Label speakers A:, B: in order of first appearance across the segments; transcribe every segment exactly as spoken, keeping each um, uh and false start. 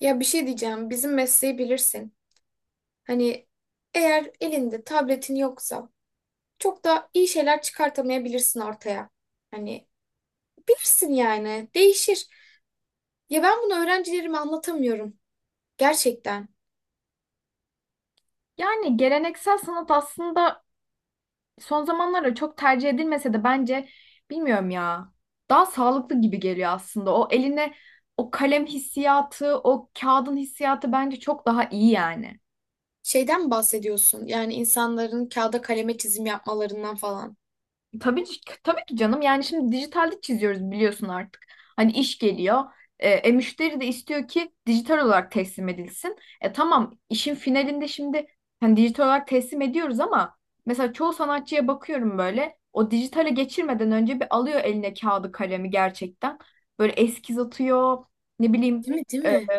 A: Ya bir şey diyeceğim. Bizim mesleği bilirsin. Hani eğer elinde tabletin yoksa çok da iyi şeyler çıkartamayabilirsin ortaya. Hani bilirsin yani. Değişir. Ya ben bunu öğrencilerime anlatamıyorum. Gerçekten.
B: Yani geleneksel sanat aslında son zamanlarda çok tercih edilmese de bence bilmiyorum ya. Daha sağlıklı gibi geliyor aslında. O eline o kalem hissiyatı, o kağıdın hissiyatı bence çok daha iyi yani.
A: Şeyden mi bahsediyorsun? Yani insanların kağıda kaleme çizim yapmalarından falan.
B: Tabii, ki- tabii ki canım. Yani şimdi dijitalde çiziyoruz biliyorsun artık. Hani iş geliyor. E, e, müşteri de istiyor ki dijital olarak teslim edilsin. E tamam, işin finalinde şimdi hani dijital olarak teslim ediyoruz ama mesela çoğu sanatçıya bakıyorum, böyle o dijitale geçirmeden önce bir alıyor eline kağıdı kalemi gerçekten. Böyle eskiz atıyor, ne bileyim
A: Değil mi? Değil
B: e,
A: mi?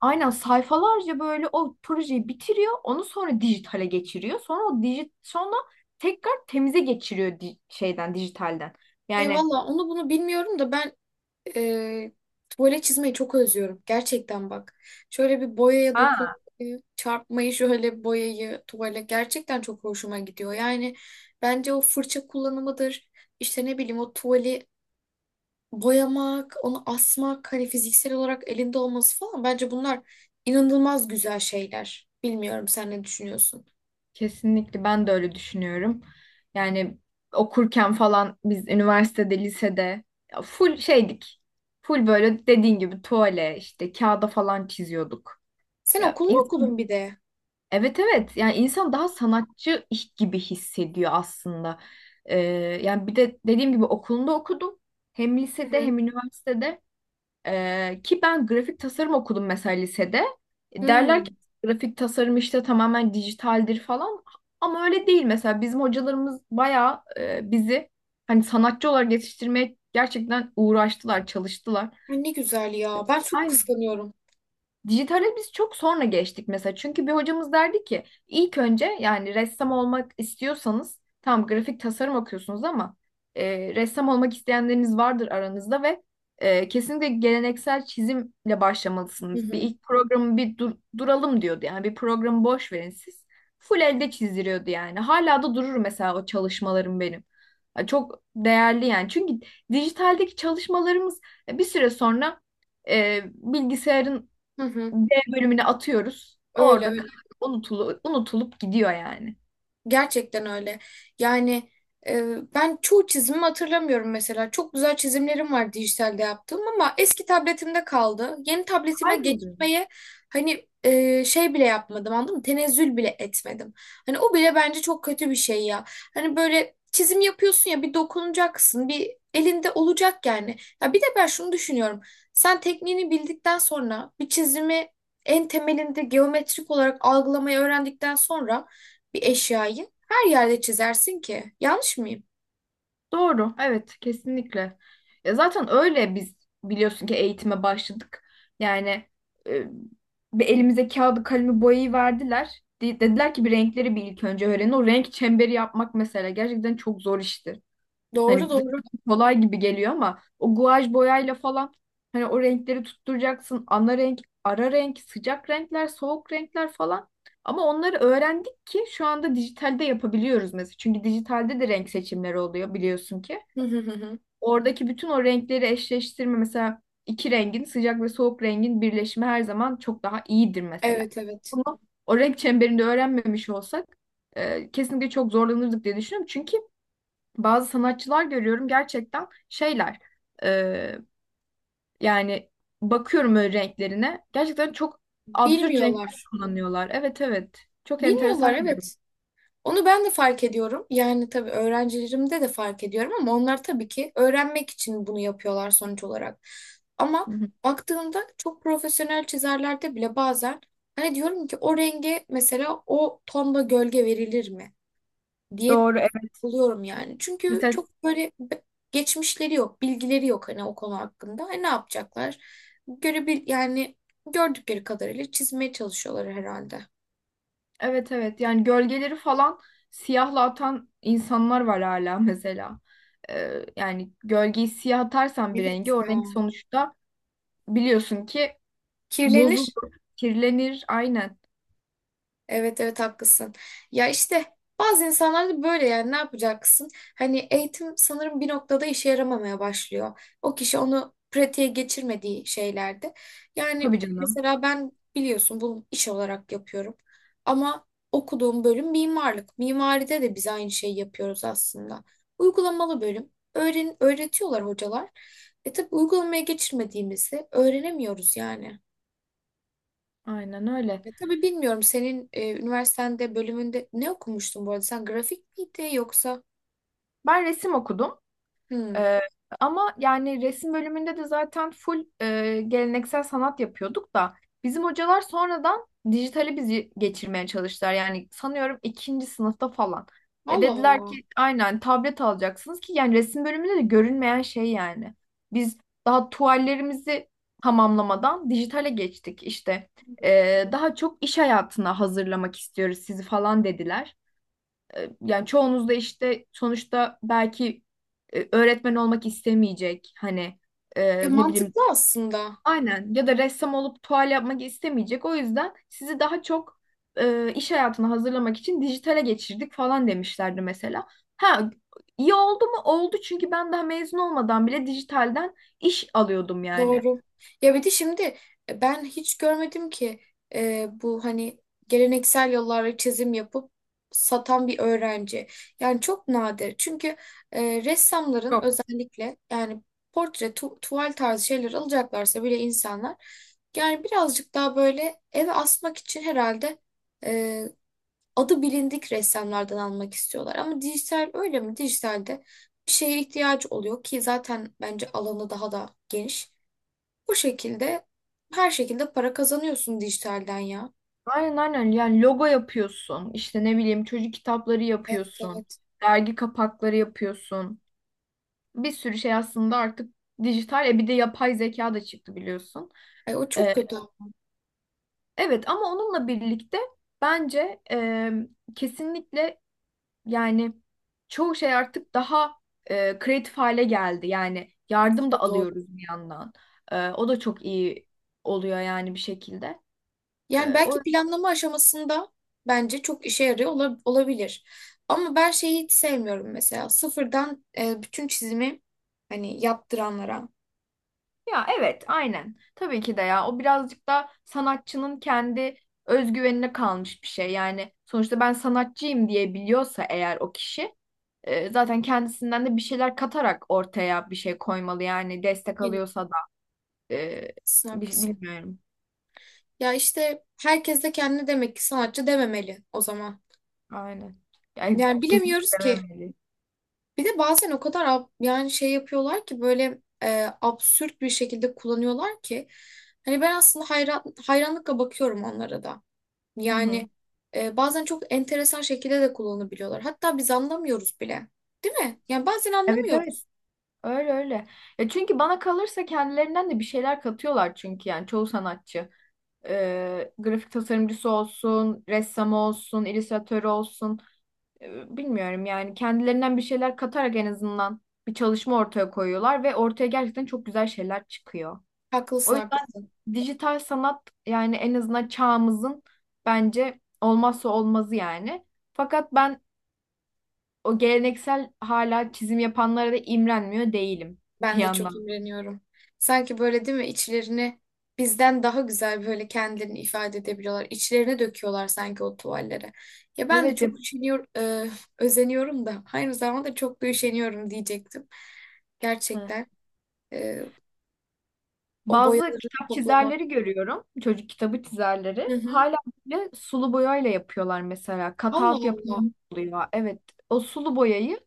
B: Aynen sayfalarca böyle o projeyi bitiriyor. Onu sonra dijitale geçiriyor. Sonra o dijit sonra tekrar temize geçiriyor di- şeyden, dijitalden.
A: Ya
B: Yani
A: valla onu bunu bilmiyorum da ben e, tuvalet çizmeyi çok özlüyorum. Gerçekten bak. Şöyle bir boyaya
B: ha,
A: dokunmayı, çarpmayı, şöyle boyayı, tuvale gerçekten çok hoşuma gidiyor. Yani bence o fırça kullanımıdır. İşte ne bileyim o tuvali boyamak, onu asmak, hani fiziksel olarak elinde olması falan. Bence bunlar inanılmaz güzel şeyler. Bilmiyorum sen ne düşünüyorsun?
B: kesinlikle ben de öyle düşünüyorum. Yani okurken falan biz üniversitede, lisede ya full şeydik. Full böyle dediğin gibi tuvale işte kağıda falan çiziyorduk.
A: Sen
B: Ya,
A: okul mu okudun bir de?
B: evet evet, yani insan daha sanatçı iş gibi hissediyor aslında. Ee, Yani bir de dediğim gibi okulunda okudum. Hem
A: Hı
B: lisede
A: hı.
B: hem üniversitede. Ee, ki ben grafik tasarım okudum mesela lisede. E, Derler ki
A: Hmm.
B: grafik tasarım işte tamamen dijitaldir falan. Ama öyle değil. Mesela bizim hocalarımız bayağı, e, bizi hani sanatçı olarak yetiştirmeye gerçekten uğraştılar, çalıştılar.
A: Ay, ne güzel ya. Ben çok kıskanıyorum.
B: Dijitale biz çok sonra geçtik mesela. Çünkü bir hocamız derdi ki ilk önce, yani ressam olmak istiyorsanız, tam grafik tasarım okuyorsunuz ama e, ressam olmak isteyenleriniz vardır aranızda ve e, kesinlikle geleneksel çizimle
A: Hı
B: başlamalısınız. Bir
A: hı.
B: ilk programı bir dur- duralım diyordu. Yani bir programı boş verin siz. Full elde çizdiriyordu yani. Hala da durur mesela o çalışmalarım benim. Ya, çok değerli yani. Çünkü dijitaldeki çalışmalarımız e, bir süre sonra e, bilgisayarın
A: Hı hı.
B: B bölümüne atıyoruz.
A: Öyle
B: Orada
A: öyle.
B: kay- unutulu, unutulup gidiyor yani.
A: Gerçekten öyle. Yani e, Ben çoğu çizimimi hatırlamıyorum mesela. Çok güzel çizimlerim var dijitalde yaptığım ama eski tabletimde kaldı. Yeni tabletime
B: Kayboluyor.
A: geçmeye hani e, şey bile yapmadım, anladın mı? Tenezzül bile etmedim. Hani o bile bence çok kötü bir şey ya. Hani böyle çizim yapıyorsun ya, bir dokunacaksın, bir elinde olacak yani. Ya bir de ben şunu düşünüyorum. Sen tekniğini bildikten sonra bir çizimi en temelinde geometrik olarak algılamayı öğrendikten sonra bir eşyayı her yerde çizersin ki. Yanlış mıyım?
B: Doğru. Evet, kesinlikle. Ya zaten öyle biz, biliyorsun ki eğitime başladık. Yani, e, bir elimize kağıdı, kalemi, boyayı verdiler. De- dediler ki bir renkleri bir ilk önce öğrenin. O renk çemberi yapmak mesela gerçekten çok zor işti.
A: Doğru
B: Hani
A: doğru.
B: dışarıdan kolay gibi geliyor ama o guaj boyayla falan hani o renkleri tutturacaksın. Ana renk, ara renk, sıcak renkler, soğuk renkler falan. Ama onları öğrendik ki şu anda dijitalde yapabiliyoruz mesela. Çünkü dijitalde de renk seçimleri oluyor biliyorsun ki.
A: Hı hı hı hı.
B: Oradaki bütün o renkleri eşleştirme, mesela iki rengin, sıcak ve soğuk rengin birleşimi her zaman çok daha iyidir mesela.
A: Evet evet.
B: Bunu o renk çemberinde öğrenmemiş olsak, e, kesinlikle çok zorlanırdık diye düşünüyorum. Çünkü bazı sanatçılar görüyorum gerçekten, şeyler e, yani bakıyorum öyle renklerine, gerçekten çok absürt renkler
A: Bilmiyorlar.
B: kullanıyorlar. Evet evet, çok
A: Bilmiyorlar
B: enteresan görüyorum.
A: evet. Onu ben de fark ediyorum. Yani tabii öğrencilerimde de fark ediyorum ama onlar tabii ki öğrenmek için bunu yapıyorlar sonuç olarak. Ama
B: Hı hı.
A: baktığımda çok profesyonel çizerlerde bile bazen hani diyorum ki o renge mesela o tonda gölge verilir mi diye
B: Doğru, evet.
A: buluyorum yani. Çünkü
B: Mesela
A: çok böyle be- geçmişleri yok, bilgileri yok hani o konu hakkında. Hani ne yapacaklar? Görebil yani gördükleri kadarıyla çizmeye çalışıyorlar herhalde.
B: evet evet, yani gölgeleri falan siyahla atan insanlar var hala mesela. E, yani gölgeyi siyah atarsan bir rengi,
A: Evet
B: o
A: ya.
B: renk sonuçta, biliyorsun ki
A: Kirlenir.
B: bozulur, kirlenir aynen.
A: Evet evet, haklısın. Ya işte bazı insanlar da böyle, yani ne yapacaksın? Hani eğitim sanırım bir noktada işe yaramamaya başlıyor. O kişi onu pratiğe geçirmediği şeylerde. Yani
B: Tabii canım.
A: mesela ben biliyorsun bunu iş olarak yapıyorum. Ama okuduğum bölüm mimarlık. Mimaride de biz aynı şeyi yapıyoruz aslında. Uygulamalı bölüm. Öğren öğretiyorlar hocalar. E tabii uygulamaya geçirmediğimizi öğrenemiyoruz yani.
B: Aynen öyle.
A: Ya tabii bilmiyorum, senin e, üniversitende bölümünde ne okumuştun bu arada? Sen grafik miydi yoksa?
B: Ben resim okudum.
A: Hmm.
B: Ee, Ama yani resim bölümünde de zaten full, e, geleneksel sanat yapıyorduk da bizim hocalar sonradan dijitali bizi geçirmeye çalıştılar. Yani sanıyorum ikinci sınıfta falan. Ya
A: Allah
B: dediler
A: Allah.
B: ki aynen, tablet alacaksınız ki, yani resim bölümünde de görünmeyen şey yani. Biz daha tuvallerimizi tamamlamadan dijitale geçtik işte. Ee, daha çok iş hayatına hazırlamak istiyoruz sizi falan dediler. E, Yani çoğunuz da işte sonuçta belki e, öğretmen olmak istemeyecek. Hani,
A: Ya
B: e, ne bileyim
A: mantıklı aslında.
B: aynen, ya da ressam olup tuval yapmak istemeyecek. O yüzden sizi daha çok e, iş hayatına hazırlamak için dijitale geçirdik falan demişlerdi mesela. Ha, iyi oldu mu? Oldu, çünkü ben daha mezun olmadan bile dijitalden iş alıyordum yani.
A: Doğru. Ya bir de şimdi e, ben hiç görmedim ki e, bu hani geleneksel yollarla çizim yapıp satan bir öğrenci. Yani çok nadir. Çünkü e, ressamların
B: Yok.
A: özellikle yani portre, tu tuval tarzı şeyler alacaklarsa bile insanlar yani birazcık daha böyle eve asmak için herhalde adı bilindik ressamlardan almak istiyorlar. Ama dijital öyle mi? Dijitalde bir şeye ihtiyaç oluyor ki zaten bence alanı daha da geniş. Bu şekilde her şekilde para kazanıyorsun dijitalden ya.
B: Aynen aynen, yani logo yapıyorsun, işte ne bileyim çocuk kitapları
A: Evet
B: yapıyorsun,
A: evet.
B: dergi kapakları yapıyorsun, bir sürü şey aslında artık dijital. E bir de yapay zeka da çıktı biliyorsun.
A: Ay, o çok
B: E,
A: kötü. Evet.
B: evet, ama onunla birlikte bence, e, kesinlikle yani çoğu şey artık daha e, kreatif hale geldi. Yani
A: Bu
B: yardım
A: da
B: da
A: doğru.
B: alıyoruz bir yandan. E, o da çok iyi oluyor yani bir şekilde.
A: Yani
B: E,
A: belki
B: o
A: planlama aşamasında bence çok işe yarıyor ola- olabilir. Ama ben şeyi hiç sevmiyorum mesela. Sıfırdan e, bütün çizimi hani yaptıranlara.
B: Ya evet aynen. Tabii ki de, ya o birazcık da sanatçının kendi özgüvenine kalmış bir şey. Yani sonuçta ben sanatçıyım diye biliyorsa eğer o kişi, E, zaten kendisinden de bir şeyler katarak ortaya bir şey koymalı, yani destek
A: Aynen.
B: alıyorsa da, E,
A: Haklısın,
B: bi-
A: haklısın.
B: bilmiyorum.
A: Ya işte herkes de kendine demek ki sanatçı dememeli o zaman.
B: Aynen. Yani
A: Yani bilemiyoruz
B: kesinlikle
A: ki.
B: vermemeli.
A: Bir de bazen o kadar ab- yani şey yapıyorlar ki böyle e, absürt bir şekilde kullanıyorlar ki. Hani ben aslında hayran, hayranlıkla bakıyorum onlara da.
B: Hı hı.
A: Yani e, Bazen çok enteresan şekilde de kullanabiliyorlar. Hatta biz anlamıyoruz bile. Değil mi? Yani bazen
B: Evet evet.
A: anlamıyoruz.
B: Öyle öyle. Ya çünkü bana kalırsa kendilerinden de bir şeyler katıyorlar, çünkü yani çoğu sanatçı. E, grafik tasarımcısı olsun, ressamı olsun, illüstratörü olsun. E, bilmiyorum, yani kendilerinden bir şeyler katarak en azından bir çalışma ortaya koyuyorlar ve ortaya gerçekten çok güzel şeyler çıkıyor.
A: Haklısın
B: O yüzden
A: haklısın.
B: dijital sanat, yani en azından çağımızın bence olmazsa olmazı yani. Fakat ben o geleneksel hala çizim yapanlara da imrenmiyor değilim bir
A: Ben de çok
B: yandan.
A: imreniyorum. Sanki böyle değil mi, içlerini bizden daha güzel böyle kendilerini ifade edebiliyorlar. İçlerine döküyorlar sanki o tuvallere. Ya ben de
B: Evet,
A: çok
B: yap-
A: üşeniyor, e, Özeniyorum da aynı zamanda çok da üşeniyorum diyecektim.
B: hı,
A: Gerçekten e, O
B: bazı
A: boyaları
B: kitap
A: toplamak.
B: çizerleri görüyorum. Çocuk kitabı çizerleri.
A: Hı hı.
B: Hala bile sulu boyayla yapıyorlar mesela.
A: Allah
B: Cutout
A: Allah.
B: yapımı oluyor. Evet, o sulu boyayı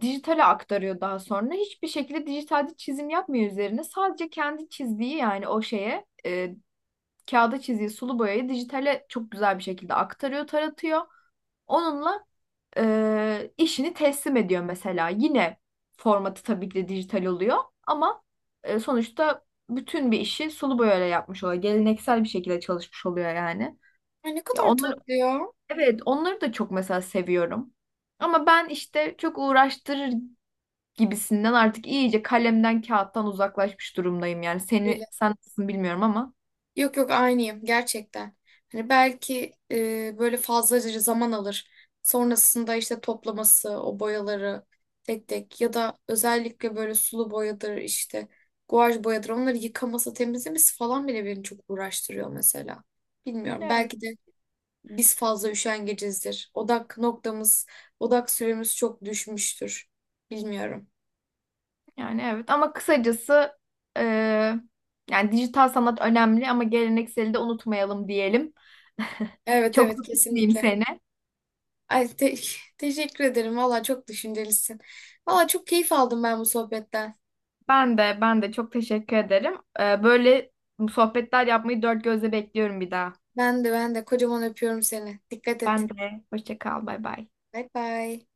B: dijitale aktarıyor daha sonra. Hiçbir şekilde dijitalde çizim yapmıyor üzerine. Sadece kendi çizdiği, yani o şeye, e, kağıda çizdiği sulu boyayı dijitale çok güzel bir şekilde aktarıyor, taratıyor. Onunla e, işini teslim ediyor mesela. Yine formatı tabii ki de dijital oluyor ama e, sonuçta bütün bir işi sulu boyayla yapmış oluyor. Geleneksel bir şekilde çalışmış oluyor yani.
A: Ay ne
B: Ya
A: kadar
B: onları,
A: tatlı ya.
B: evet, onları da çok mesela seviyorum. Ama ben işte çok uğraştırır gibisinden artık iyice kalemden kağıttan uzaklaşmış durumdayım yani. Seni sen nasılsın bilmiyorum ama.
A: Yok yok, aynıyım gerçekten. Hani belki e, böyle fazlaca zaman alır. Sonrasında işte toplaması, o boyaları tek tek ya da özellikle böyle sulu boyadır, işte guaj boyadır, onları yıkaması, temizlemesi falan bile beni çok uğraştırıyor mesela. Bilmiyorum,
B: Evet.
A: belki de biz fazla üşengecizdir. Odak noktamız, odak süremiz çok düşmüştür. Bilmiyorum.
B: Yani evet, ama kısacası, e, yani dijital sanat önemli ama gelenekseli de unutmayalım diyelim.
A: Evet
B: Çok
A: evet,
B: da tutmayayım
A: kesinlikle.
B: seni.
A: Ay, te- teşekkür ederim. Valla çok düşüncelisin. Valla çok keyif aldım ben bu sohbetten.
B: Ben de, ben de çok teşekkür ederim. E, böyle sohbetler yapmayı dört gözle bekliyorum bir daha.
A: Ben de ben de kocaman öpüyorum seni. Dikkat
B: Ben
A: et.
B: de, hoşça kal, bay bay.
A: Bay bay.